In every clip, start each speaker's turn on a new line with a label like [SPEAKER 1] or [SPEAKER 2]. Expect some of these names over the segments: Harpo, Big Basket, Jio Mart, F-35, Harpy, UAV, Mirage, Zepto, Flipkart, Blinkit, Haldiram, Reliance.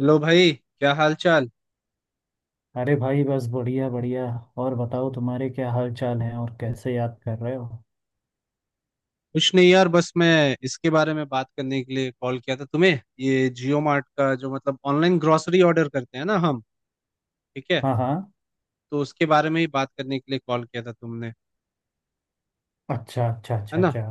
[SPEAKER 1] Hello भाई, क्या हाल चाल।
[SPEAKER 2] अरे भाई, बस बढ़िया बढ़िया। और बताओ तुम्हारे क्या हाल चाल है और कैसे याद कर रहे हो?
[SPEAKER 1] कुछ नहीं यार, बस मैं इसके बारे में बात करने के लिए कॉल किया था तुम्हें। ये जियो मार्ट का जो मतलब ऑनलाइन ग्रोसरी ऑर्डर करते हैं ना हम, ठीक है,
[SPEAKER 2] हाँ हाँ।
[SPEAKER 1] तो उसके बारे में ही बात करने के लिए कॉल किया था तुमने,
[SPEAKER 2] अच्छा अच्छा
[SPEAKER 1] है
[SPEAKER 2] अच्छा
[SPEAKER 1] ना।
[SPEAKER 2] अच्छा।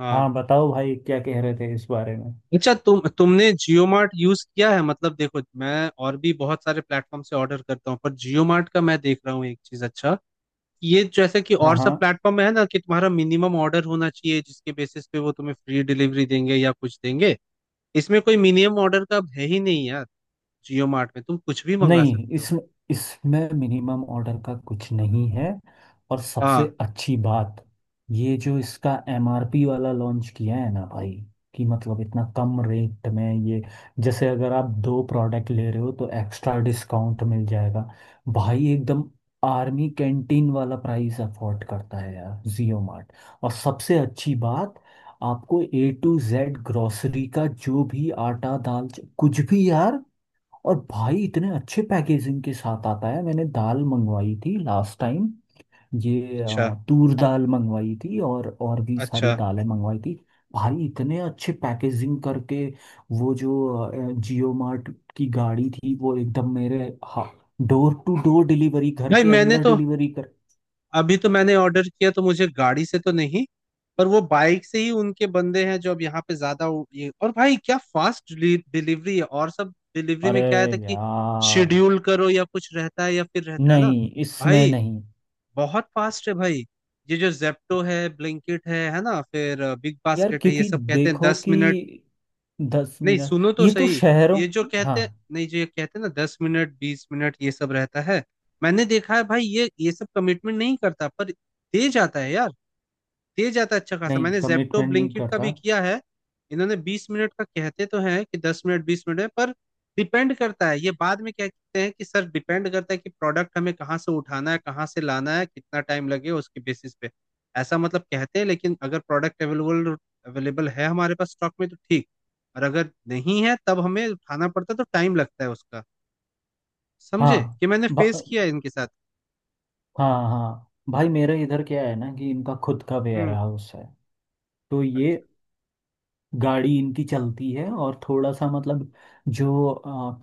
[SPEAKER 1] हाँ,
[SPEAKER 2] हाँ, बताओ भाई क्या कह रहे थे इस बारे में?
[SPEAKER 1] अच्छा तुमने जियो मार्ट यूज किया है। मतलब देखो, मैं और भी बहुत सारे प्लेटफॉर्म से ऑर्डर करता हूँ, पर जियो मार्ट का मैं देख रहा हूँ एक चीज अच्छा कि ये जैसे कि
[SPEAKER 2] हाँ
[SPEAKER 1] और
[SPEAKER 2] हाँ।
[SPEAKER 1] सब प्लेटफॉर्म है ना, कि तुम्हारा मिनिमम ऑर्डर होना चाहिए जिसके बेसिस पे वो तुम्हें फ्री डिलीवरी देंगे या कुछ देंगे। इसमें कोई मिनिमम ऑर्डर का है ही नहीं यार। जियो मार्ट में तुम कुछ भी मंगा
[SPEAKER 2] नहीं,
[SPEAKER 1] सकते हो।
[SPEAKER 2] इसमें इसमें मिनिमम ऑर्डर का कुछ नहीं है। और सबसे
[SPEAKER 1] हाँ,
[SPEAKER 2] अच्छी बात, ये जो इसका एमआरपी वाला लॉन्च किया है ना भाई, कि मतलब इतना कम रेट में ये, जैसे अगर आप दो प्रोडक्ट ले रहे हो तो एक्स्ट्रा डिस्काउंट मिल जाएगा। भाई एकदम आर्मी कैंटीन वाला प्राइस अफोर्ड करता है यार जियो मार्ट। और सबसे अच्छी बात, आपको ए टू जेड ग्रोसरी का जो भी आटा दाल, कुछ भी यार। और भाई इतने अच्छे पैकेजिंग के साथ आता है। मैंने दाल मंगवाई थी लास्ट टाइम। ये
[SPEAKER 1] अच्छा
[SPEAKER 2] तूर दाल मंगवाई थी और भी सारी
[SPEAKER 1] अच्छा।
[SPEAKER 2] दालें मंगवाई थी। भाई इतने अच्छे पैकेजिंग करके, वो जो जियो मार्ट की गाड़ी थी वो एकदम मेरे, हा, डोर टू डोर डिलीवरी, घर
[SPEAKER 1] नहीं
[SPEAKER 2] के
[SPEAKER 1] मैंने
[SPEAKER 2] अंदर
[SPEAKER 1] तो,
[SPEAKER 2] डिलीवरी कर।
[SPEAKER 1] अभी तो मैंने ऑर्डर किया तो मुझे गाड़ी से तो नहीं, पर वो बाइक से ही उनके बंदे हैं जो अब यहाँ पे ज्यादा ये। और भाई क्या फास्ट डिलीवरी है। और सब डिलीवरी
[SPEAKER 2] अरे
[SPEAKER 1] में क्या रहता है कि
[SPEAKER 2] यार,
[SPEAKER 1] शेड्यूल करो या कुछ रहता है, या फिर रहता है ना
[SPEAKER 2] नहीं इसमें
[SPEAKER 1] भाई,
[SPEAKER 2] नहीं।
[SPEAKER 1] बहुत फास्ट है भाई। ये जो जेप्टो है, ब्लिंकिट है ना, फिर बिग
[SPEAKER 2] यार
[SPEAKER 1] बास्केट है, ये
[SPEAKER 2] क्योंकि
[SPEAKER 1] सब कहते हैं
[SPEAKER 2] देखो
[SPEAKER 1] दस
[SPEAKER 2] कि
[SPEAKER 1] मिनट।
[SPEAKER 2] दस
[SPEAKER 1] नहीं,
[SPEAKER 2] मिनट
[SPEAKER 1] सुनो तो
[SPEAKER 2] ये तो
[SPEAKER 1] सही,
[SPEAKER 2] शहरों।
[SPEAKER 1] ये जो
[SPEAKER 2] हाँ।
[SPEAKER 1] कहते हैं, नहीं जो ये कहते हैं ना दस मिनट बीस मिनट ये सब रहता है, मैंने देखा है भाई, ये सब कमिटमेंट नहीं करता, पर दे जाता है यार, दे जाता है अच्छा खासा।
[SPEAKER 2] नहीं,
[SPEAKER 1] मैंने जेप्टो
[SPEAKER 2] कमिटमेंट नहीं
[SPEAKER 1] ब्लिंकिट का
[SPEAKER 2] करता।
[SPEAKER 1] भी किया है, इन्होंने बीस मिनट का, कहते तो हैं कि दस मिनट बीस मिनट है, पर डिपेंड करता है। ये बाद में क्या कहते हैं कि सर डिपेंड करता है कि प्रोडक्ट हमें कहाँ से उठाना है, कहाँ से लाना है, कितना टाइम लगे, उसके बेसिस पे। ऐसा मतलब कहते हैं, लेकिन अगर प्रोडक्ट अवेलेबल अवेलेबल है हमारे पास स्टॉक में तो ठीक, और अगर नहीं है तब हमें उठाना पड़ता है तो टाइम लगता है उसका। समझे,
[SPEAKER 2] हाँ।
[SPEAKER 1] कि मैंने फेस
[SPEAKER 2] ब-
[SPEAKER 1] किया है इनके साथ।
[SPEAKER 2] हाँ हाँ भाई, मेरे इधर क्या है ना कि इनका खुद का वेयर
[SPEAKER 1] हम्म।
[SPEAKER 2] हाउस है। तो ये
[SPEAKER 1] अच्छा।
[SPEAKER 2] गाड़ी इनकी चलती है। और थोड़ा सा मतलब, जो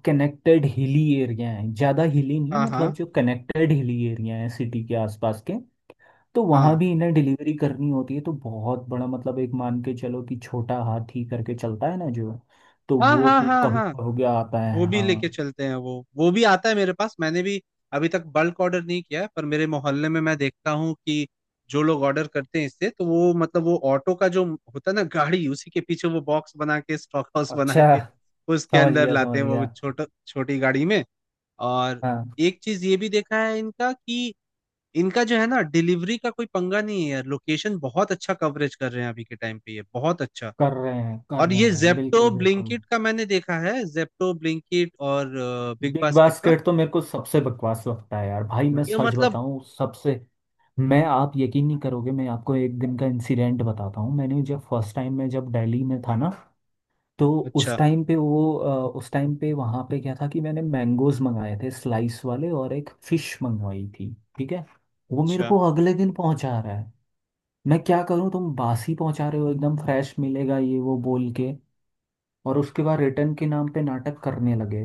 [SPEAKER 2] कनेक्टेड हिली एरिया है, ज़्यादा हिली नहीं,
[SPEAKER 1] हाँ
[SPEAKER 2] मतलब
[SPEAKER 1] हाँ
[SPEAKER 2] जो कनेक्टेड हिली एरिया है सिटी के आसपास के, तो वहाँ
[SPEAKER 1] हाँ
[SPEAKER 2] भी इन्हें डिलीवरी करनी होती है। तो बहुत बड़ा, मतलब एक मान के चलो कि छोटा हाथी करके चलता है ना जो, तो
[SPEAKER 1] हाँ,
[SPEAKER 2] वो
[SPEAKER 1] हाँ हाँ
[SPEAKER 2] कभी
[SPEAKER 1] हाँ,
[SPEAKER 2] हो गया आता
[SPEAKER 1] वो
[SPEAKER 2] है।
[SPEAKER 1] भी लेके
[SPEAKER 2] हाँ।
[SPEAKER 1] चलते हैं, वो भी आता है मेरे पास। मैंने भी अभी तक बल्क ऑर्डर नहीं किया है, पर मेरे मोहल्ले में मैं देखता हूँ कि जो लोग ऑर्डर करते हैं इससे, तो वो मतलब वो ऑटो का जो होता है ना गाड़ी, उसी के पीछे वो बॉक्स बना के, स्टॉक हाउस बना
[SPEAKER 2] अच्छा।
[SPEAKER 1] के उसके
[SPEAKER 2] समझ
[SPEAKER 1] अंदर
[SPEAKER 2] गया
[SPEAKER 1] लाते
[SPEAKER 2] समझ
[SPEAKER 1] हैं, वो
[SPEAKER 2] गया।
[SPEAKER 1] छोटा छोटी गाड़ी में। और एक चीज ये भी देखा है इनका, कि इनका जो है ना डिलीवरी का कोई पंगा नहीं है यार। लोकेशन बहुत अच्छा कवरेज कर रहे हैं अभी के टाइम पे, ये बहुत अच्छा।
[SPEAKER 2] कर
[SPEAKER 1] और
[SPEAKER 2] रहे
[SPEAKER 1] ये
[SPEAKER 2] हैं
[SPEAKER 1] जेप्टो
[SPEAKER 2] बिल्कुल बिल्कुल।
[SPEAKER 1] ब्लिंकिट का मैंने देखा है, जेप्टो ब्लिंकिट और बिग
[SPEAKER 2] बिग
[SPEAKER 1] बास्केट का,
[SPEAKER 2] बास्केट तो मेरे को सबसे बकवास लगता है यार। भाई मैं
[SPEAKER 1] ये
[SPEAKER 2] सच
[SPEAKER 1] मतलब
[SPEAKER 2] बताऊं, सबसे, मैं आप यकीन नहीं करोगे, मैं आपको एक दिन का इंसिडेंट बताता हूँ। मैंने जब फर्स्ट टाइम मैं जब दिल्ली में था ना, तो उस
[SPEAKER 1] अच्छा
[SPEAKER 2] टाइम पे वहाँ पे क्या था कि मैंने मैंगोज मंगाए थे स्लाइस वाले, और एक फिश मंगवाई थी। ठीक है। वो मेरे
[SPEAKER 1] अच्छा।
[SPEAKER 2] को अगले दिन पहुंचा रहा है। मैं क्या करूँ, तुम बासी पहुंचा रहे हो, एकदम फ्रेश मिलेगा ये वो बोल के। और उसके बाद रिटर्न के नाम पे नाटक करने लगे।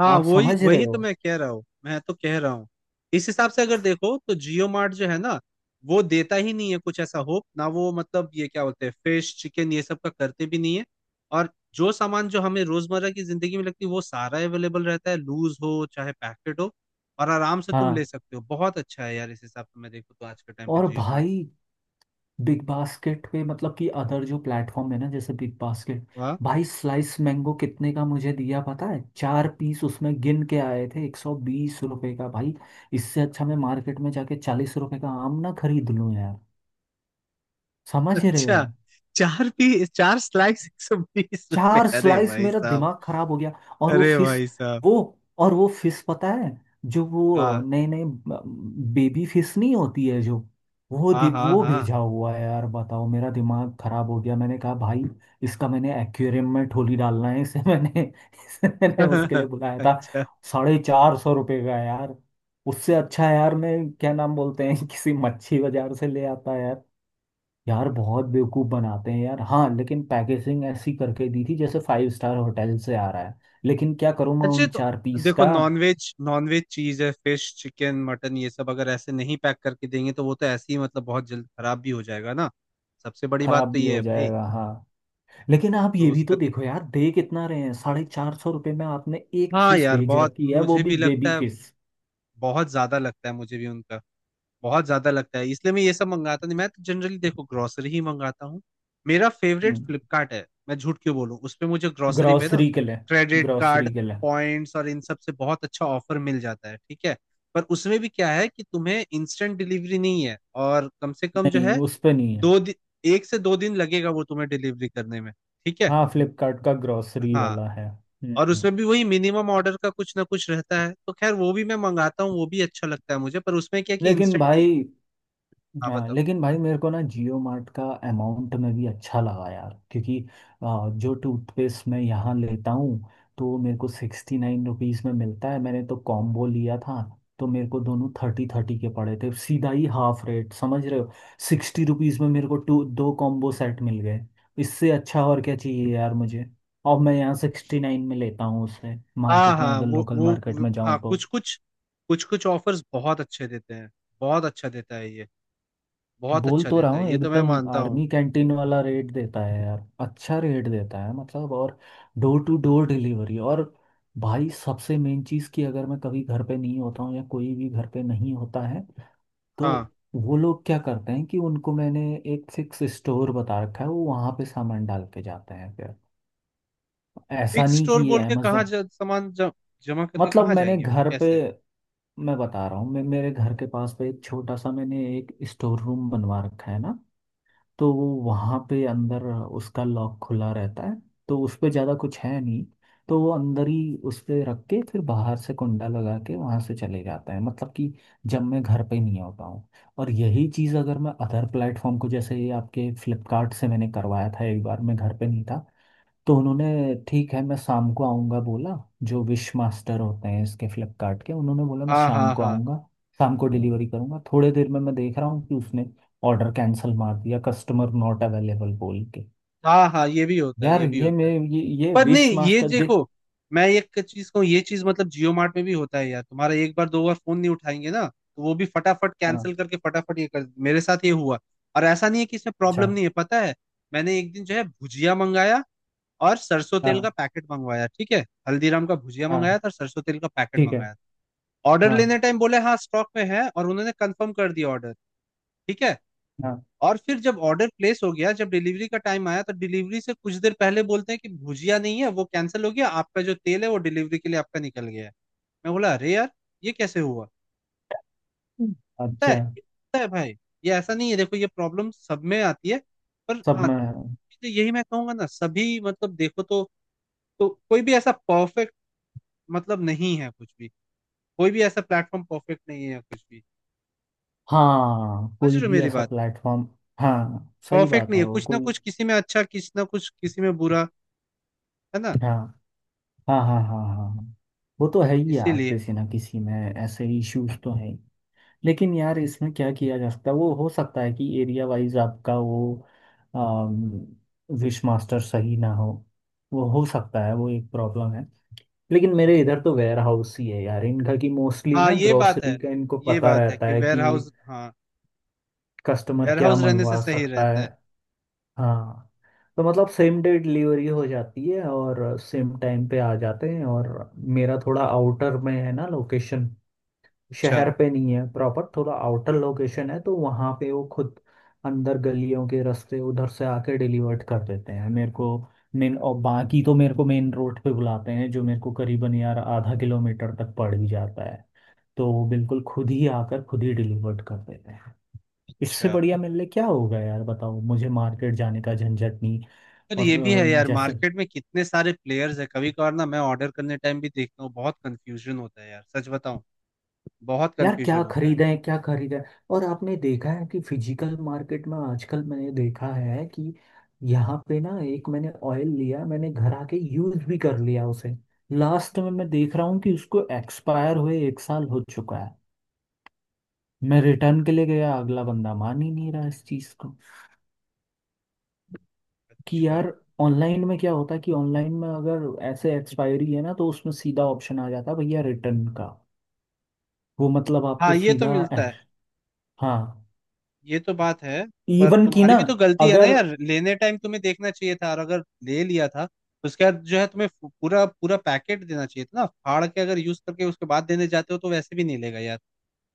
[SPEAKER 1] हाँ,
[SPEAKER 2] आप
[SPEAKER 1] वही
[SPEAKER 2] समझ रहे
[SPEAKER 1] वही
[SPEAKER 2] हो?
[SPEAKER 1] तो मैं कह रहा हूँ, मैं तो कह रहा हूँ इस हिसाब से अगर देखो तो जियो मार्ट जो है ना, वो देता ही नहीं है कुछ ऐसा होप ना। वो मतलब ये क्या बोलते हैं, फिश चिकन, ये सब का करते भी नहीं है। और जो सामान जो हमें रोजमर्रा की जिंदगी में लगती है वो सारा अवेलेबल रहता है, लूज हो चाहे पैकेट हो, और आराम से तुम ले
[SPEAKER 2] हाँ।
[SPEAKER 1] सकते हो। बहुत अच्छा है यार इस हिसाब से मैं देखूँ तो, आज के टाइम पे
[SPEAKER 2] और
[SPEAKER 1] जियो मार्ट।
[SPEAKER 2] भाई बिग बास्केट पे, मतलब कि अदर जो प्लेटफॉर्म है ना जैसे बिग बास्केट। भाई स्लाइस मैंगो कितने का मुझे दिया पता है? चार पीस उसमें गिन के आए थे, ₹120 का भाई। इससे अच्छा मैं मार्केट में जाके ₹40 का आम ना खरीद लूं यार। समझ रहे हो?
[SPEAKER 1] अच्छा, चार लाख एक सौ बीस रुपए,
[SPEAKER 2] चार
[SPEAKER 1] अरे
[SPEAKER 2] स्लाइस,
[SPEAKER 1] भाई
[SPEAKER 2] मेरा
[SPEAKER 1] साहब।
[SPEAKER 2] दिमाग खराब हो गया। और वो
[SPEAKER 1] अरे
[SPEAKER 2] फिश
[SPEAKER 1] भाई साहब।
[SPEAKER 2] वो और वो फिश पता है, जो वो
[SPEAKER 1] हाँ
[SPEAKER 2] नए नए बेबी फिश नहीं होती है जो, वो
[SPEAKER 1] हाँ
[SPEAKER 2] दि-
[SPEAKER 1] हाँ
[SPEAKER 2] वो
[SPEAKER 1] हाँ।
[SPEAKER 2] भेजा हुआ है यार। बताओ, मेरा दिमाग खराब हो गया। मैंने कहा भाई, इसका मैंने एक्वेरियम में ठोली डालना है इसे? मैंने इसे मैंने उसके लिए बुलाया था,
[SPEAKER 1] अच्छा
[SPEAKER 2] ₹450 का यार। उससे अच्छा यार, मैं क्या नाम बोलते हैं, किसी मच्छी बाजार से ले आता। यार बहुत बेवकूफ बनाते हैं यार। हाँ लेकिन पैकेजिंग ऐसी करके दी थी जैसे 5 स्टार होटल से आ रहा है। लेकिन क्या करूँ मैं
[SPEAKER 1] अच्छा,
[SPEAKER 2] उन
[SPEAKER 1] तो
[SPEAKER 2] चार पीस
[SPEAKER 1] देखो
[SPEAKER 2] का।
[SPEAKER 1] नॉनवेज, नॉनवेज चीज है फिश चिकन मटन ये सब, अगर ऐसे नहीं पैक करके देंगे तो वो तो ऐसे ही मतलब बहुत जल्द खराब भी हो जाएगा ना। सबसे बड़ी बात
[SPEAKER 2] खराब
[SPEAKER 1] तो
[SPEAKER 2] भी
[SPEAKER 1] ये है
[SPEAKER 2] हो
[SPEAKER 1] भाई।
[SPEAKER 2] जाएगा, हाँ। लेकिन आप ये
[SPEAKER 1] तो
[SPEAKER 2] भी तो देखो यार, दे कितना रहे हैं, ₹450 में आपने एक
[SPEAKER 1] हाँ
[SPEAKER 2] फिश
[SPEAKER 1] यार,
[SPEAKER 2] भेज
[SPEAKER 1] बहुत
[SPEAKER 2] रखी है वो
[SPEAKER 1] मुझे
[SPEAKER 2] भी
[SPEAKER 1] भी लगता
[SPEAKER 2] बेबी
[SPEAKER 1] है,
[SPEAKER 2] फिश।
[SPEAKER 1] बहुत ज्यादा लगता है मुझे भी उनका, बहुत ज्यादा लगता है। इसलिए मैं ये सब मंगाता नहीं, मैं तो जनरली देखो ग्रोसरी ही मंगाता हूँ। मेरा फेवरेट
[SPEAKER 2] हम्म।
[SPEAKER 1] फ्लिपकार्ट है, मैं झूठ क्यों बोलूं। उस पे मुझे ग्रोसरी में ना,
[SPEAKER 2] ग्रॉसरी के लिए।
[SPEAKER 1] क्रेडिट कार्ड
[SPEAKER 2] ग्रॉसरी के लिए।
[SPEAKER 1] पॉइंट्स और इन सब से बहुत अच्छा ऑफर मिल जाता है, ठीक है। पर उसमें भी क्या है कि तुम्हें इंस्टेंट डिलीवरी नहीं है, और कम से कम जो
[SPEAKER 2] नहीं,
[SPEAKER 1] है
[SPEAKER 2] उस पे नहीं है।
[SPEAKER 1] दो दिन, एक से दो दिन लगेगा वो तुम्हें डिलीवरी करने में, ठीक है।
[SPEAKER 2] हाँ, फ्लिपकार्ट का ग्रॉसरी
[SPEAKER 1] हाँ,
[SPEAKER 2] वाला है।
[SPEAKER 1] और
[SPEAKER 2] हम्म।
[SPEAKER 1] उसमें भी वही मिनिमम ऑर्डर का कुछ ना कुछ रहता है, तो खैर वो भी मैं मंगाता हूँ, वो भी अच्छा लगता है मुझे, पर उसमें क्या है कि
[SPEAKER 2] लेकिन
[SPEAKER 1] इंस्टेंट नहीं है।
[SPEAKER 2] भाई,
[SPEAKER 1] हाँ
[SPEAKER 2] हाँ
[SPEAKER 1] बताओ।
[SPEAKER 2] लेकिन भाई, मेरे को ना जियो मार्ट का अमाउंट में भी अच्छा लगा यार। क्योंकि जो टूथपेस्ट मैं यहाँ लेता हूँ, तो मेरे को ₹69 में मिलता है। मैंने तो कॉम्बो लिया था, तो मेरे को दोनों 30 30 के पड़े थे। सीधा ही हाफ रेट, समझ रहे हो? ₹60 में मेरे को टू दो कॉम्बो सेट मिल गए। इससे अच्छा और क्या चाहिए यार मुझे? और मैं यहाँ 69 में लेता हूँ, उससे
[SPEAKER 1] हाँ
[SPEAKER 2] मार्केट में,
[SPEAKER 1] हाँ,
[SPEAKER 2] अगर लोकल मार्केट में
[SPEAKER 1] हाँ
[SPEAKER 2] जाऊँ तो।
[SPEAKER 1] कुछ कुछ, कुछ कुछ ऑफर्स बहुत अच्छे देते हैं। बहुत अच्छा देता है ये, बहुत
[SPEAKER 2] बोल
[SPEAKER 1] अच्छा
[SPEAKER 2] तो रहा
[SPEAKER 1] देता है
[SPEAKER 2] हूँ,
[SPEAKER 1] ये, तो मैं
[SPEAKER 2] एकदम
[SPEAKER 1] मानता हूँ।
[SPEAKER 2] आर्मी कैंटीन वाला रेट देता है यार, अच्छा रेट देता है मतलब। और डोर टू डोर डिलीवरी। और भाई सबसे मेन चीज़ कि अगर मैं कभी घर पे नहीं होता हूँ या कोई भी घर पे नहीं होता है, तो
[SPEAKER 1] हाँ,
[SPEAKER 2] वो लोग क्या करते हैं कि उनको मैंने एक फिक्स स्टोर बता रखा है। वो वहाँ पे सामान डाल के जाते हैं फिर। ऐसा
[SPEAKER 1] फिक्स
[SPEAKER 2] नहीं कि
[SPEAKER 1] स्टोर
[SPEAKER 2] ये
[SPEAKER 1] बोल के कहाँ
[SPEAKER 2] अमेजोन,
[SPEAKER 1] सामान जमा करके,
[SPEAKER 2] मतलब
[SPEAKER 1] कहाँ
[SPEAKER 2] मैंने
[SPEAKER 1] जाएंगे वो,
[SPEAKER 2] घर पे,
[SPEAKER 1] कैसे।
[SPEAKER 2] मैं बता रहा हूँ, मैं मेरे घर के पास पे एक छोटा सा मैंने एक स्टोर रूम बनवा रखा है ना, तो वो वहाँ पे अंदर, उसका लॉक खुला रहता है, तो उस पे ज़्यादा कुछ है नहीं, तो वो अंदर ही उस पे रख के फिर बाहर से कुंडा लगा के वहाँ से चले जाते हैं, मतलब कि जब मैं घर पे नहीं होता हूँ। और यही चीज़ अगर मैं अदर प्लेटफॉर्म को, जैसे ये आपके फ्लिपकार्ट से मैंने करवाया था एक बार, मैं घर पे नहीं था, तो उन्होंने ठीक है, मैं शाम को आऊँगा बोला। जो विश मास्टर होते हैं इसके फ्लिपकार्ट के, उन्होंने बोला मैं
[SPEAKER 1] हाँ
[SPEAKER 2] शाम
[SPEAKER 1] हाँ
[SPEAKER 2] को
[SPEAKER 1] हाँ
[SPEAKER 2] आऊँगा, शाम को डिलीवरी करूँगा। थोड़े देर में मैं देख रहा हूँ कि उसने ऑर्डर कैंसिल मार दिया, कस्टमर नॉट अवेलेबल बोल के।
[SPEAKER 1] हाँ हाँ, ये भी होता है,
[SPEAKER 2] यार
[SPEAKER 1] ये भी
[SPEAKER 2] ये
[SPEAKER 1] होता
[SPEAKER 2] मैं
[SPEAKER 1] है।
[SPEAKER 2] ये
[SPEAKER 1] पर नहीं,
[SPEAKER 2] विश
[SPEAKER 1] ये
[SPEAKER 2] मास्टर, देख।
[SPEAKER 1] देखो, मैं एक चीज कहूँ, ये चीज मतलब जियो मार्ट में भी होता है यार। तुम्हारा एक बार दो बार फोन नहीं उठाएंगे ना, तो वो भी फटाफट
[SPEAKER 2] हाँ।
[SPEAKER 1] कैंसिल करके फटाफट ये कर, मेरे साथ ये हुआ। और ऐसा नहीं है कि इसमें प्रॉब्लम
[SPEAKER 2] अच्छा।
[SPEAKER 1] नहीं है, पता है। मैंने एक दिन जो है भुजिया मंगाया और सरसों तेल का
[SPEAKER 2] हाँ
[SPEAKER 1] पैकेट मंगवाया, ठीक है। हल्दीराम का भुजिया
[SPEAKER 2] हाँ।
[SPEAKER 1] मंगाया था और सरसों तेल का पैकेट
[SPEAKER 2] ठीक है।
[SPEAKER 1] मंगाया था। ऑर्डर लेने
[SPEAKER 2] हाँ
[SPEAKER 1] टाइम बोले हाँ स्टॉक में है और उन्होंने कंफर्म कर दिया ऑर्डर, ठीक है।
[SPEAKER 2] हाँ।
[SPEAKER 1] और फिर जब ऑर्डर प्लेस हो गया, जब डिलीवरी का टाइम आया, तो डिलीवरी से कुछ देर पहले बोलते हैं कि भुजिया नहीं है, वो कैंसिल हो गया आपका, जो तेल है वो डिलीवरी के लिए आपका निकल गया है। मैं बोला अरे यार, ये कैसे हुआ।
[SPEAKER 2] हम्म।
[SPEAKER 1] पता है,
[SPEAKER 2] अच्छा।
[SPEAKER 1] पता है भाई, ये ऐसा नहीं है, देखो ये प्रॉब्लम सब में आती है, पर
[SPEAKER 2] सब
[SPEAKER 1] हाँ,
[SPEAKER 2] में।
[SPEAKER 1] तो यही मैं कहूंगा ना सभी मतलब देखो तो कोई भी ऐसा परफेक्ट मतलब नहीं है कुछ भी, कोई भी ऐसा प्लेटफॉर्म परफेक्ट नहीं है या कुछ भी,
[SPEAKER 2] हाँ,
[SPEAKER 1] समझ
[SPEAKER 2] कोई
[SPEAKER 1] रहे हो
[SPEAKER 2] भी
[SPEAKER 1] मेरी
[SPEAKER 2] ऐसा
[SPEAKER 1] बात,
[SPEAKER 2] प्लेटफॉर्म। हाँ, सही
[SPEAKER 1] परफेक्ट
[SPEAKER 2] बात
[SPEAKER 1] नहीं
[SPEAKER 2] है,
[SPEAKER 1] है,
[SPEAKER 2] वो
[SPEAKER 1] कुछ ना
[SPEAKER 2] कोई।
[SPEAKER 1] कुछ किसी में अच्छा, किसी ना कुछ किसी में बुरा, है ना।
[SPEAKER 2] हाँ हाँ हाँ हाँ हाँ हाँ। वो तो है ही यार,
[SPEAKER 1] इसीलिए।
[SPEAKER 2] किसी ना किसी में ऐसे इश्यूज तो है ही। लेकिन यार इसमें क्या किया जा सकता है, वो हो सकता है कि एरिया वाइज आपका वो विश मास्टर सही ना हो। वो हो सकता है, वो एक प्रॉब्लम है। लेकिन मेरे इधर तो वेयर हाउस ही है यार इनका, कि मोस्टली
[SPEAKER 1] हाँ
[SPEAKER 2] ना
[SPEAKER 1] ये बात
[SPEAKER 2] ग्रोसरी
[SPEAKER 1] है,
[SPEAKER 2] का इनको
[SPEAKER 1] ये
[SPEAKER 2] पता
[SPEAKER 1] बात है
[SPEAKER 2] रहता
[SPEAKER 1] कि
[SPEAKER 2] है
[SPEAKER 1] वेयर
[SPEAKER 2] कि
[SPEAKER 1] हाउस हाँ,
[SPEAKER 2] कस्टमर
[SPEAKER 1] वेयर
[SPEAKER 2] क्या
[SPEAKER 1] हाउस रहने से
[SPEAKER 2] मंगवा
[SPEAKER 1] सही
[SPEAKER 2] सकता
[SPEAKER 1] रहता
[SPEAKER 2] है।
[SPEAKER 1] है।
[SPEAKER 2] हाँ, तो मतलब सेम डे डिलीवरी हो जाती है और सेम टाइम पे आ जाते हैं। और मेरा थोड़ा आउटर में है ना लोकेशन,
[SPEAKER 1] अच्छा।
[SPEAKER 2] शहर पे नहीं है प्रॉपर, थोड़ा आउटर लोकेशन है, तो वहाँ पे वो खुद अंदर गलियों के रास्ते उधर से आके डिलीवर्ड कर देते हैं मेरे को। मेन, और बाकी तो मेरे को मेन रोड पे बुलाते हैं, जो मेरे को करीबन यार आधा किलोमीटर तक पड़ ही जाता है। तो वो बिल्कुल खुद ही आकर खुद ही डिलीवर्ड कर देते हैं। इससे
[SPEAKER 1] अच्छा,
[SPEAKER 2] बढ़िया मेरे लिए क्या होगा यार, बताओ, मुझे मार्केट जाने का झंझट नहीं।
[SPEAKER 1] पर ये
[SPEAKER 2] और
[SPEAKER 1] भी है यार,
[SPEAKER 2] जैसे
[SPEAKER 1] मार्केट में कितने सारे प्लेयर्स है, कभी कभार ना मैं ऑर्डर करने टाइम भी देखता हूँ बहुत कंफ्यूजन होता है यार, सच बताऊं, बहुत
[SPEAKER 2] यार क्या
[SPEAKER 1] कंफ्यूजन होता है।
[SPEAKER 2] खरीदें क्या खरीदें। और आपने देखा है कि फिजिकल मार्केट में आजकल, मैंने देखा है कि यहाँ पे ना एक मैंने ऑयल लिया, मैंने घर आके यूज भी कर लिया उसे, लास्ट में मैं देख रहा हूँ कि उसको एक्सपायर हुए एक साल हो चुका है। मैं रिटर्न के लिए गया, अगला बंदा मान ही नहीं रहा इस चीज़ को कि
[SPEAKER 1] अच्छा,
[SPEAKER 2] यार, ऑनलाइन में क्या होता है कि ऑनलाइन में अगर ऐसे एक्सपायरी है ना, तो उसमें सीधा ऑप्शन आ जाता है भैया रिटर्न का, वो मतलब
[SPEAKER 1] हाँ
[SPEAKER 2] आपको
[SPEAKER 1] ये तो
[SPEAKER 2] सीधा।
[SPEAKER 1] मिलता है,
[SPEAKER 2] हाँ।
[SPEAKER 1] ये तो बात है। पर
[SPEAKER 2] इवन की
[SPEAKER 1] तुम्हारी
[SPEAKER 2] ना।
[SPEAKER 1] भी तो गलती है ना
[SPEAKER 2] अगर
[SPEAKER 1] यार, लेने टाइम तुम्हें देखना चाहिए था, और अगर ले लिया था तो उसके बाद जो है तुम्हें पूरा पूरा पैकेट देना चाहिए था ना, फाड़ के अगर यूज करके उसके बाद देने जाते हो तो वैसे भी नहीं लेगा यार।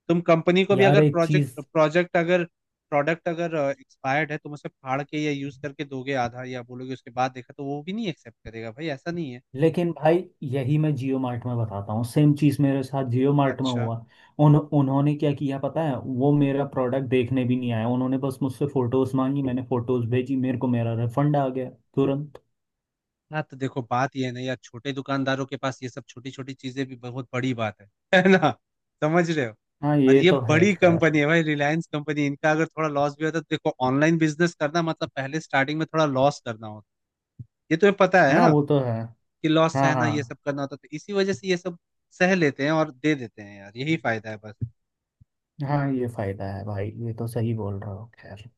[SPEAKER 1] तुम कंपनी को भी
[SPEAKER 2] यार,
[SPEAKER 1] अगर
[SPEAKER 2] एक चीज।
[SPEAKER 1] प्रोजेक्ट प्रोजेक्ट अगर प्रोडक्ट अगर एक्सपायर्ड है, तुम उसे फाड़ के या यूज करके दोगे आधा, या बोलोगे उसके बाद देखा, तो वो भी नहीं एक्सेप्ट करेगा भाई, ऐसा नहीं है।
[SPEAKER 2] लेकिन भाई, यही मैं जियो मार्ट में बताता हूँ, सेम चीज मेरे साथ जियो मार्ट में
[SPEAKER 1] अच्छा,
[SPEAKER 2] हुआ। उन्होंने क्या किया पता है, वो मेरा प्रोडक्ट देखने भी नहीं आया, उन्होंने बस मुझसे फोटोज मांगी, मैंने फोटोज भेजी, मेरे को मेरा रिफंड आ गया तुरंत।
[SPEAKER 1] हाँ तो देखो बात ये है ना यार, छोटे दुकानदारों के पास ये सब छोटी छोटी चीजें भी बहुत बड़ी बात है है ना, समझ रहे हो।
[SPEAKER 2] हाँ,
[SPEAKER 1] और
[SPEAKER 2] ये
[SPEAKER 1] ये
[SPEAKER 2] तो है
[SPEAKER 1] बड़ी
[SPEAKER 2] खैर।
[SPEAKER 1] कंपनी है भाई, रिलायंस कंपनी, इनका अगर थोड़ा लॉस भी होता है तो देखो, ऑनलाइन बिजनेस करना मतलब पहले स्टार्टिंग में थोड़ा लॉस करना होता है, ये तुम्हें पता है
[SPEAKER 2] हाँ
[SPEAKER 1] ना,
[SPEAKER 2] वो तो है।
[SPEAKER 1] कि लॉस
[SPEAKER 2] हाँ
[SPEAKER 1] सहना ये
[SPEAKER 2] हाँ
[SPEAKER 1] सब करना होता है। तो इसी वजह से ये सब सह लेते हैं और दे देते हैं यार, यही फायदा है बस।
[SPEAKER 2] हाँ। ये फायदा है भाई, ये तो सही बोल रहा हो, खैर।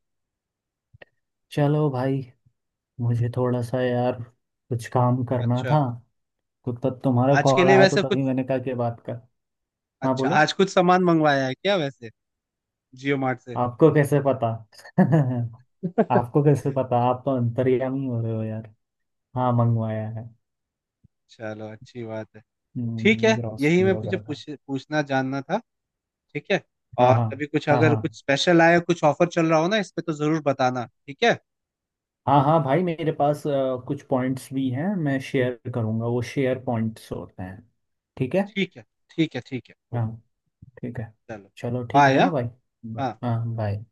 [SPEAKER 2] चलो भाई, मुझे थोड़ा सा यार कुछ काम करना
[SPEAKER 1] अच्छा,
[SPEAKER 2] था, तो तब तुम्हारा
[SPEAKER 1] आज के
[SPEAKER 2] कॉल
[SPEAKER 1] लिए
[SPEAKER 2] आया तो
[SPEAKER 1] वैसे कुछ,
[SPEAKER 2] तभी मैंने कहा कि बात कर। हाँ
[SPEAKER 1] अच्छा
[SPEAKER 2] बोलो।
[SPEAKER 1] आज कुछ सामान मंगवाया है क्या वैसे जियो मार्ट से।
[SPEAKER 2] आपको कैसे पता? आपको कैसे पता? आप तो अंतर्यामी हो रहे हो यार। हाँ मंगवाया है।
[SPEAKER 1] चलो अच्छी बात है, ठीक है यही
[SPEAKER 2] ग्रोसरी
[SPEAKER 1] मैं
[SPEAKER 2] वगैरह का।
[SPEAKER 1] पूछना जानना था। ठीक है,
[SPEAKER 2] हाँ
[SPEAKER 1] और
[SPEAKER 2] हाँ
[SPEAKER 1] कभी कुछ
[SPEAKER 2] हाँ
[SPEAKER 1] अगर
[SPEAKER 2] हाँ
[SPEAKER 1] कुछ स्पेशल आया, कुछ ऑफर चल रहा हो ना इस पे, तो जरूर बताना, ठीक है।
[SPEAKER 2] हाँ। हाँ भाई मेरे पास कुछ पॉइंट्स भी हैं, मैं शेयर करूँगा, वो शेयर पॉइंट्स होते हैं। ठीक है।
[SPEAKER 1] ठीक है, ठीक है, ठीक है,
[SPEAKER 2] हाँ।
[SPEAKER 1] ओके।
[SPEAKER 2] ठीक है,
[SPEAKER 1] चलो,
[SPEAKER 2] चलो ठीक
[SPEAKER 1] बाय।
[SPEAKER 2] है, हाँ
[SPEAKER 1] हाँ
[SPEAKER 2] भाई। बस।
[SPEAKER 1] हाँ।
[SPEAKER 2] हाँ बाय।